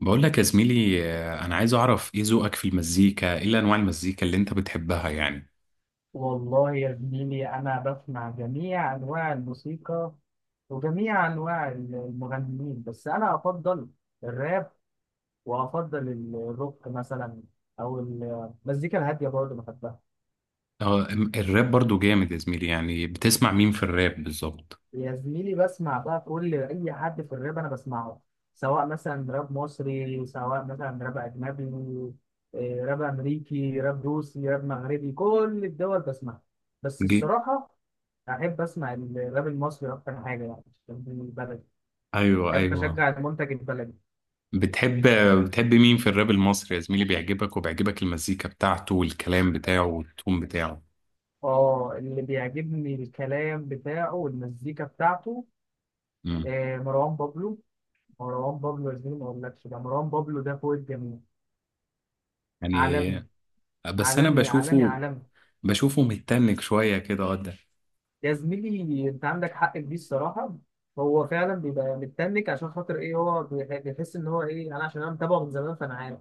بقول لك يا زميلي انا عايز اعرف ايه ذوقك في المزيكا، ايه انواع المزيكا اللي انت بتحبها يعني. والله يا زميلي أنا بسمع جميع أنواع الموسيقى وجميع أنواع المغنيين، بس أنا أفضل الراب وأفضل الروك مثلا، أو المزيكا الهادية برضه بحبها. الراب برضو جامد يا زميلي، يعني بتسمع مين في الراب بالظبط؟ يا زميلي بسمع بقى كل أي حد في الراب أنا بسمعه، سواء مثلا راب مصري سواء مثلا راب أجنبي. راب أمريكي راب روسي راب مغربي، كل الدول بسمعها. بس جي- الصراحة أحب أسمع الراب المصري أكتر حاجة يعني، عشان دي بلدي. ايوه أحب ايوه. أشجع المنتج البلدي. بتحب بتحب مين في الراب المصري يا زميلي بيعجبك، وبيعجبك المزيكا بتاعته والكلام بتاعه والتون بتاعه؟ اللي بيعجبني الكلام بتاعه والمزيكا بتاعته. امم، مروان بابلو. مروان بابلو يا زميلي ما أقولكش، ده مروان بابلو ده فوق الجميع، يعني عالمي. بس انا عالمي عالمي بشوفه عالمي. بشوفه متنك شوية كده قدام. يا زميلي أنت عندك حق في دي الصراحة. هو فعلا بيبقى متنك، عشان خاطر إيه، هو بيحس إن هو إيه، أنا عشان أنا متابعه من زمان فأنا عارف.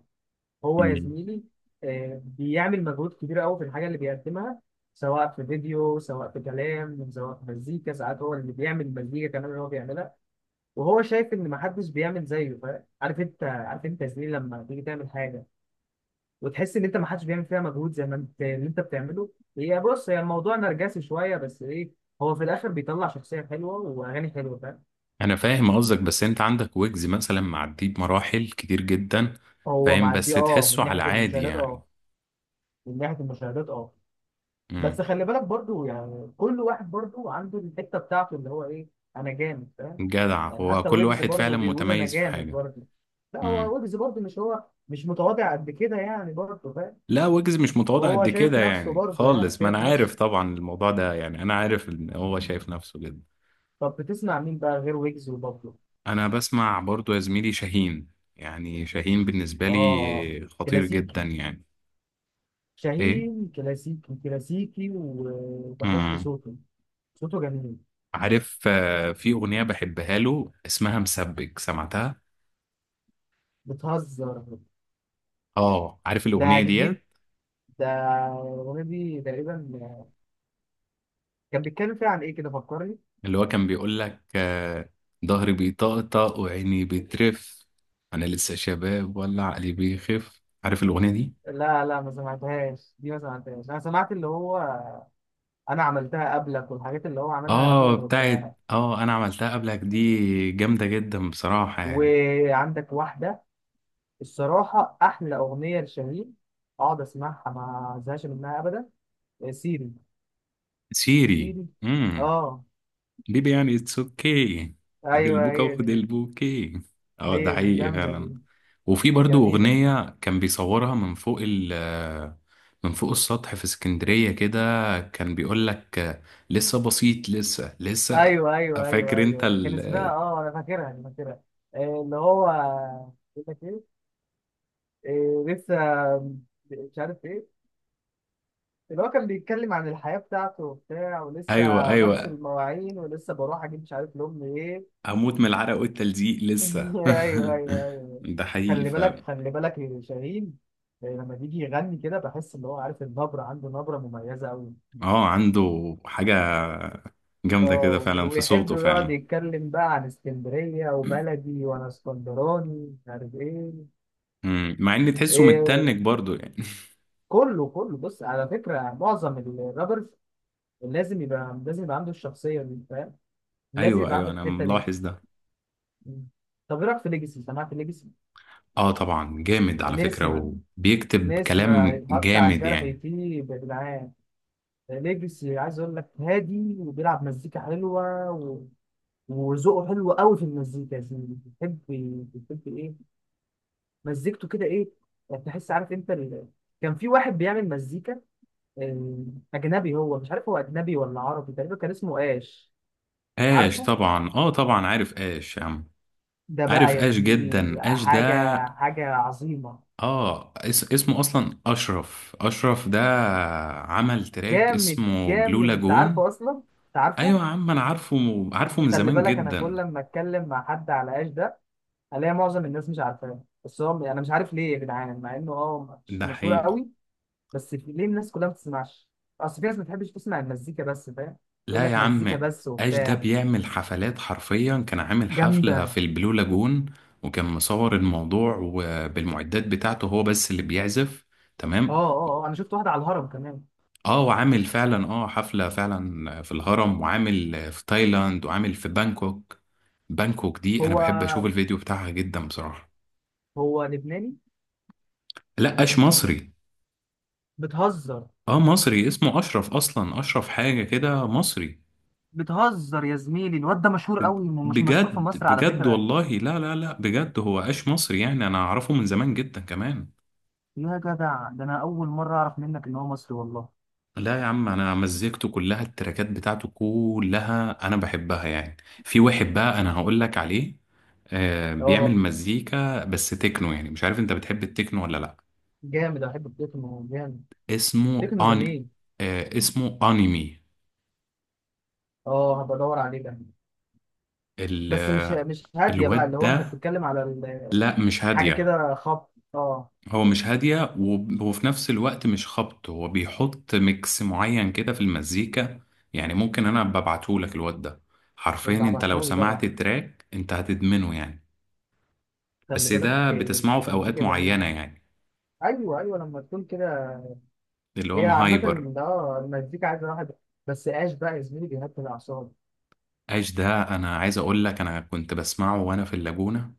هو يا زميلي، بيعمل مجهود كبير قوي في الحاجه اللي بيقدمها، سواء في فيديو سواء في كلام سواء في مزيكا. ساعات هو اللي بيعمل مزيكا كمان اللي هو بيعملها، وهو شايف ان محدش بيعمل زيه، فاهم؟ عارف انت، عارف انت يا زميلي، لما تيجي تعمل حاجه وتحس ان انت محدش بيعمل فيها مجهود زي ما انت اللي انت بتعمله. هي بص، هي الموضوع نرجسي شويه، بس ايه، هو في الاخر بيطلع شخصيه حلوه واغاني حلوه، فاهم؟ انا فاهم قصدك، بس انت عندك ويجز مثلا معديه بمراحل كتير جدا، هو فاهم، بس معدي، اه، من تحسه على ناحيه عادي المشاهدات يعني. اه. من ناحيه المشاهدات اه. بس امم. خلي بالك برضو، يعني كل واحد برضو عنده الحته بتاعته اللي هو ايه، انا جامد فاهم. جدع، يعني هو حتى كل ويجز واحد برضو فعلا بيقول انا متميز في جامد حاجة. برضو. لا، هو امم. ويجز برضو مش، هو مش متواضع قد كده يعني، برضو فاهم. لا، ويجز مش متواضع هو قد شايف كده نفسه يعني برضو، يعني خالص، ما انا شايف عارف نفسه. طبعا الموضوع ده، يعني انا عارف ان هو شايف نفسه جدا. طب بتسمع مين بقى غير ويجز وبابلو؟ انا بسمع برضو يا زميلي شاهين، يعني شاهين بالنسبة اه، لي خطير جدا كلاسيكي. يعني. ايه. شاهين كلاسيكي كلاسيكي، وبحب امم. صوته. صوته جميل. عارف، في اغنية بحبها له اسمها مسبك، سمعتها؟ بتهزر؟ اه عارف ده الاغنيه دي. جديد ده. الأغنية دي تقريبا كان بيتكلم فيها عن إيه، كده فكرني. اللي هو كان بيقول لك ظهري بيطقطق وعيني بترف، انا لسه شباب ولا عقلي بيخف، عارف الاغنيه دي؟ لا لا، ما سمعتهاش دي، ما سمعتهاش. انا سمعت اللي هو انا عملتها قبلك، والحاجات اللي هو عملها قبل اه ما بتاعت، يبقى انا عملتها قبلك، دي جامده جدا بصراحه يعني. وعندك واحده. الصراحه احلى اغنيه لشاهين، اقعد اسمعها ما ازهقش منها ابدا: سيري. سيري. سيري. امم. اه. بيبي يعني اتس اوكي. هات ايوه البوكا هي دي. وخد البوكي. اه هي ده دي حقيقي جامده دي. فعلا. وفي دي برضو جميله دي. أغنية كان بيصورها من فوق ال... من فوق السطح في اسكندرية كده، كان بيقول لك لسه بسيط، لسه لسه. ايوه ايوه ايوه فاكر انت ايوه، كان اسمها ال... اه، انا فاكرها انا فاكرها. اللي هو بيقول لك ايه، لسه مش عارف ايه. اللي هو كان بيتكلم عن الحياة بتاعته وبتاع، ولسه ايوه بغسل ايوه. المواعين، ولسه بروح أجيب مش عارف لأمي إيه. هموت من العرق والتلزيق لسه. أيوه أيوه أيوه. ده حقيقي خلي بالك فعلا. خلي بالك يا شاهين. لما بيجي يغني كده بحس إن هو، عارف، النبرة عنده نبرة مميزة أوي. اه عنده حاجة جامدة كده اه فعلا في ويحب صوته يقعد فعلا. يتكلم بقى عن اسكندرية وبلدي، وأنا اسكندراني مش عارف إيه. مم. مع ان تحسه إيه، متنك برضو يعني. كله كله. بص، على فكرة معظم الرابرز لازم يبقى لازم يبقى عنده الشخصية دي، فاهم؟ لازم ايوه يبقى ايوه، عنده انا الحتة دي. ملاحظ ده. مم. طب ايه رايك في ليجاسي؟ سمعت ليجاسي؟ اه طبعا جامد على فكرة، نسمة. وبيكتب نسمة كلام يتحط على جامد الجرح يعني. يطيب يا جدعان. ليجاسي عايز اقول لك هادي، وبيلعب مزيكا حلوه، و... وذوقه حلو قوي في المزيكا يا زميلي. بيحب، بيحب ايه، مزيكته كده ايه، يعني تحس، عارف انت ال... كان في واحد بيعمل مزيكا، آه، اجنبي. هو مش عارف هو اجنبي ولا عربي. تقريبا كان اسمه اش. اش عارفه؟ طبعا، اه طبعا عارف اش يا عم. ده عارف بقى يا اش زميلي جدا، اش ده. حاجه حاجه عظيمه. اه اس اسمه اصلا اشرف، اشرف ده عمل تراك جامد اسمه بلو جامد، انت لاجون. عارفه اصلا، انت ايوه عارفه. يا عم انا عارفه، عارفه من خلي زمان بالك، انا جدا. كل لما اتكلم مع حد على ايش ده، الاقي معظم الناس مش عارفاه، بس هو انا مش عارف ليه يا جدعان، مع انه اه مش ده مشهوره حقيقي. قوي. بس ليه الناس كلها ما بتسمعش؟ اصل في ناس ما بتحبش تسمع المزيكا بس، فاهم؟ تقول لا يا لك مزيكا عم، بس اش ده وبتاع. بيعمل حفلات حرفيا، كان عامل حفلة في جامده. البلو لاجون، وكان مصور الموضوع، وبالمعدات بتاعته هو بس اللي بيعزف. اه تمام. اه اه، انا شفت واحده على الهرم كمان. اه وعامل فعلا حفلة فعلا في الهرم، وعامل في تايلاند، وعامل في بانكوك. بانكوك دي انا هو بحب اشوف الفيديو بتاعها جدا بصراحة. لبناني؟ لا، اش مصري. بتهزر؟ اه مصري، اسمه اشرف اصلا، اشرف حاجة كده، مصري. بتهزر يا زميلي؟ الواد ده مشهور قوي، مش مشهور في بجد مصر على بجد فكره. والله، لا لا لا، بجد هو اش مصري يعني، انا اعرفه من زمان جدا كمان. يا جدع، ده انا اول مره اعرف منك ان هو مصري والله. لا يا عم، انا مزيكته كلها، التراكات بتاعته كلها انا بحبها يعني. في واحد بقى انا هقول لك عليه، بيعمل اه مزيكا بس تكنو، يعني مش عارف انت بتحب التكنو ولا لا. جامد، انا بحب التكنو جامد. اسمه تكنو آن... جميل. اسمه انمي. اه، هبقى ادور عليه ده. ال... بس آه، مش هاديه بقى، الواد اللي هو انت ده. بتتكلم على لا مش حاجه هادية. كده خبط، اه. هو مش هادية، وفي نفس الوقت مش خبط، هو بيحط ميكس معين كده في المزيكا، يعني ممكن انا ببعته لك الواد ده، حرفيا يبقى انت لو ابعتهولي سمعت طبعا. التراك انت هتدمنه يعني. خلي بس ده بالك، بتسمعه في اوقات المزيكا جميله. معينه يعني، ايوه ايوه، لما تكون كده. اللي هو هي عامه. هايبر. اه، المزيكا عايزه واحد. بس ايش بقى يا زميلي بيهدي الاعصاب. ايش ده انا عايز اقول لك، انا كنت بسمعه وانا في اللاجونه،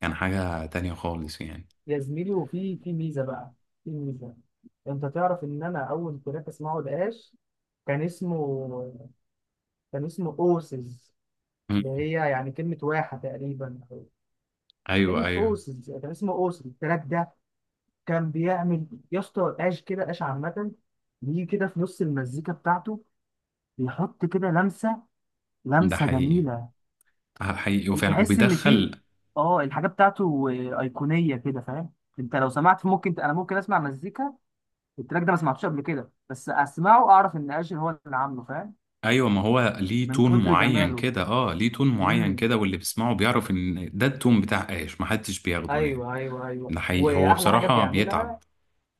كان حاجه تانية خالص يعني. يا زميلي، وفي ميزه بقى، في ميزه. انت تعرف ان انا اول تراك اسمعه لقاش كان اسمه كان اسمه اوسز، اللي مم. هي يعني كلمة واحة تقريبا، أو ايوه كلمة ايوه، أوسز. يعني كان اسمه أوسز التراك ده. كان بيعمل يا اسطى قاش كده قاش، عامة بيجي كده في نص المزيكا بتاعته، بيحط كده ده لمسة حقيقي. جميلة. حقيقي وفعلا، بتحس إن في، وبيدخل. اه، الحاجة بتاعته أيقونية كده، فاهم؟ أنت لو سمعت، ممكن أنا، ممكن أسمع مزيكا التراك ده ما سمعتوش قبل كده، بس أسمعه أعرف إن قاش هو اللي عامله، فاهم؟ ايوه، ما هو ليه من تون كتر معين جماله. كده، اه ليه تون معين امم، كده، واللي بيسمعه بيعرف ان ده التون بتاع ايش، محدش بياخده يعني. ايوه ايوه ايوه. ده حقيقي، هو واحلى حاجه بصراحه بيتعب. بيعملها،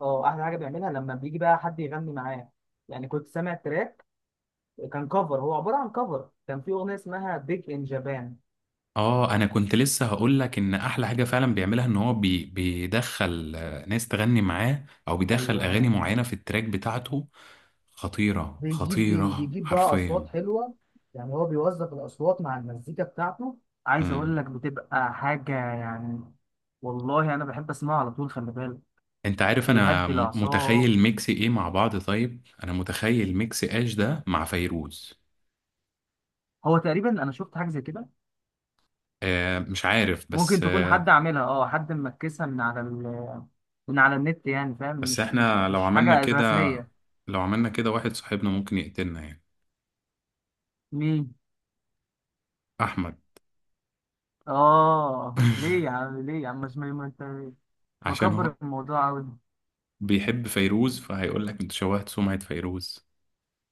اه احلى حاجه بيعملها، لما بيجي بقى حد يغني معاه. يعني كنت سامع تراك كان كفر، هو عباره عن كفر. كان في اغنيه اسمها بيج ان جابان. اه انا كنت لسه هقول لك ان احلى حاجه فعلا بيعملها، ان هو بيدخل ناس تغني معاه، او بيدخل ايوه، اغاني معينه في التراك بتاعته، خطيره بيجيب خطيره بيجيب بقى اصوات حرفيا. حلوه، يعني هو بيوظف الاصوات مع المزيكا بتاعته. عايز مم. اقول لك بتبقى حاجه يعني. والله انا بحب اسمعها على طول، خلي بالك. انت عارف انا بيهدي الاعصاب. متخيل ميكس ايه مع بعض، طيب انا متخيل ميكس اش ده مع فيروز. هو تقريبا انا شفت حاجه زي كده. مش عارف ممكن بس تكون حد عاملها، اه حد مركزها من على ال، من على النت يعني، فاهم؟ بس احنا لو مش عملنا حاجه كده، رسميه. لو عملنا كده واحد صاحبنا ممكن يقتلنا يعني. مين؟ احمد. اه ليه يا عم؟ ليه يا عم؟ مش، ما انت عشان هو مكبر الموضوع قوي. بيحب فيروز، فهيقول لك انت شوهت سمعة فيروز.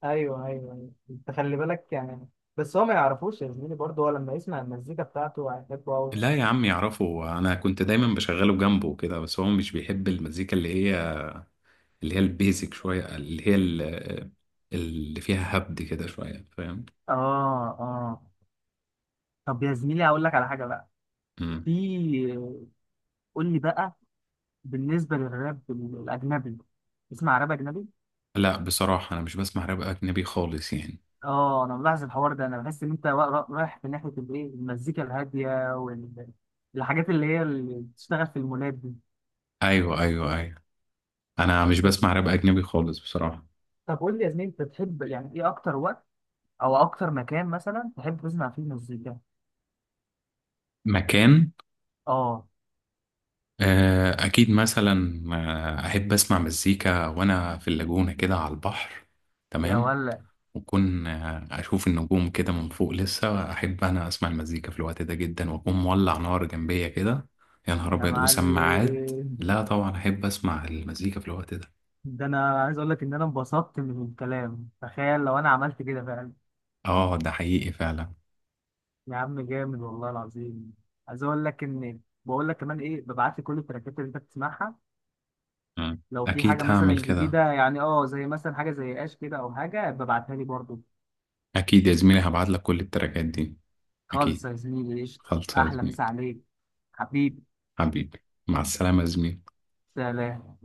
ايوه ايوه أيوة. انت خلي بالك يعني، بس هو ما يعرفوش يا زميلي برضه، هو لما يسمع المزيكا بتاعته هيحبه قوي. لا يا عم يعرفه، انا كنت دايما بشغله جنبه كده، بس هو مش بيحب المزيكا اللي هي، اللي هي البيزك شويه، اللي هي ال... اللي فيها هبد كده شويه فاهم. اه اه. طب يا زميلي هقول لك على حاجه بقى. مم. في، قول لي بقى، بالنسبه للراب الاجنبي، اسمع راب اجنبي؟ لا بصراحه انا مش بسمع راب اجنبي خالص يعني. اه انا ملاحظ الحوار ده، انا بحس ان انت رايح في ناحيه الايه، المزيكا الهاديه، والحاجات اللي هي اللي بتشتغل في المولات دي. ايوه ايوه ايوه، انا مش بسمع راب اجنبي خالص بصراحه. طب قول لي يا زميلي، انت بتحب يعني ايه اكتر وقت او اكتر مكان مثلا تحب تسمع فيه مزيكا؟ مكان. اه. اكيد مثلا احب اسمع مزيكا وانا في اللاجونه كده على البحر. يا تمام. ولا. وأكون أشوف النجوم كده من فوق، لسه أحب أنا أسمع المزيكا في الوقت ده جدا، وأكون مولع نار جنبية كده. يا نهار يا أبيض وسماعات. معلم. لا طبعا أحب أسمع المزيكا في الوقت ده. ده انا عايز اقول لك ان انا انبسطت من الكلام، تخيل لو انا عملت كده فعلا. آه ده حقيقي فعلا. يا عم جامد والله العظيم. عايز اقول لك ان، بقول لك كمان ايه، ببعت لي كل التراكات اللي انت بتسمعها، مم. لو في أكيد حاجه مثلا هعمل كده. جديده يعني اه زي مثلا حاجه زي اش كده، او حاجه ببعتها لي برضو. أكيد يا زميلي هبعتلك كل التراكات دي. خالص أكيد. يا زميلي قشطه، خلصة يا احلى زميلي. مسا عليك. حبيبي. حبيبي. مع السلامة يا زميلي. سلام.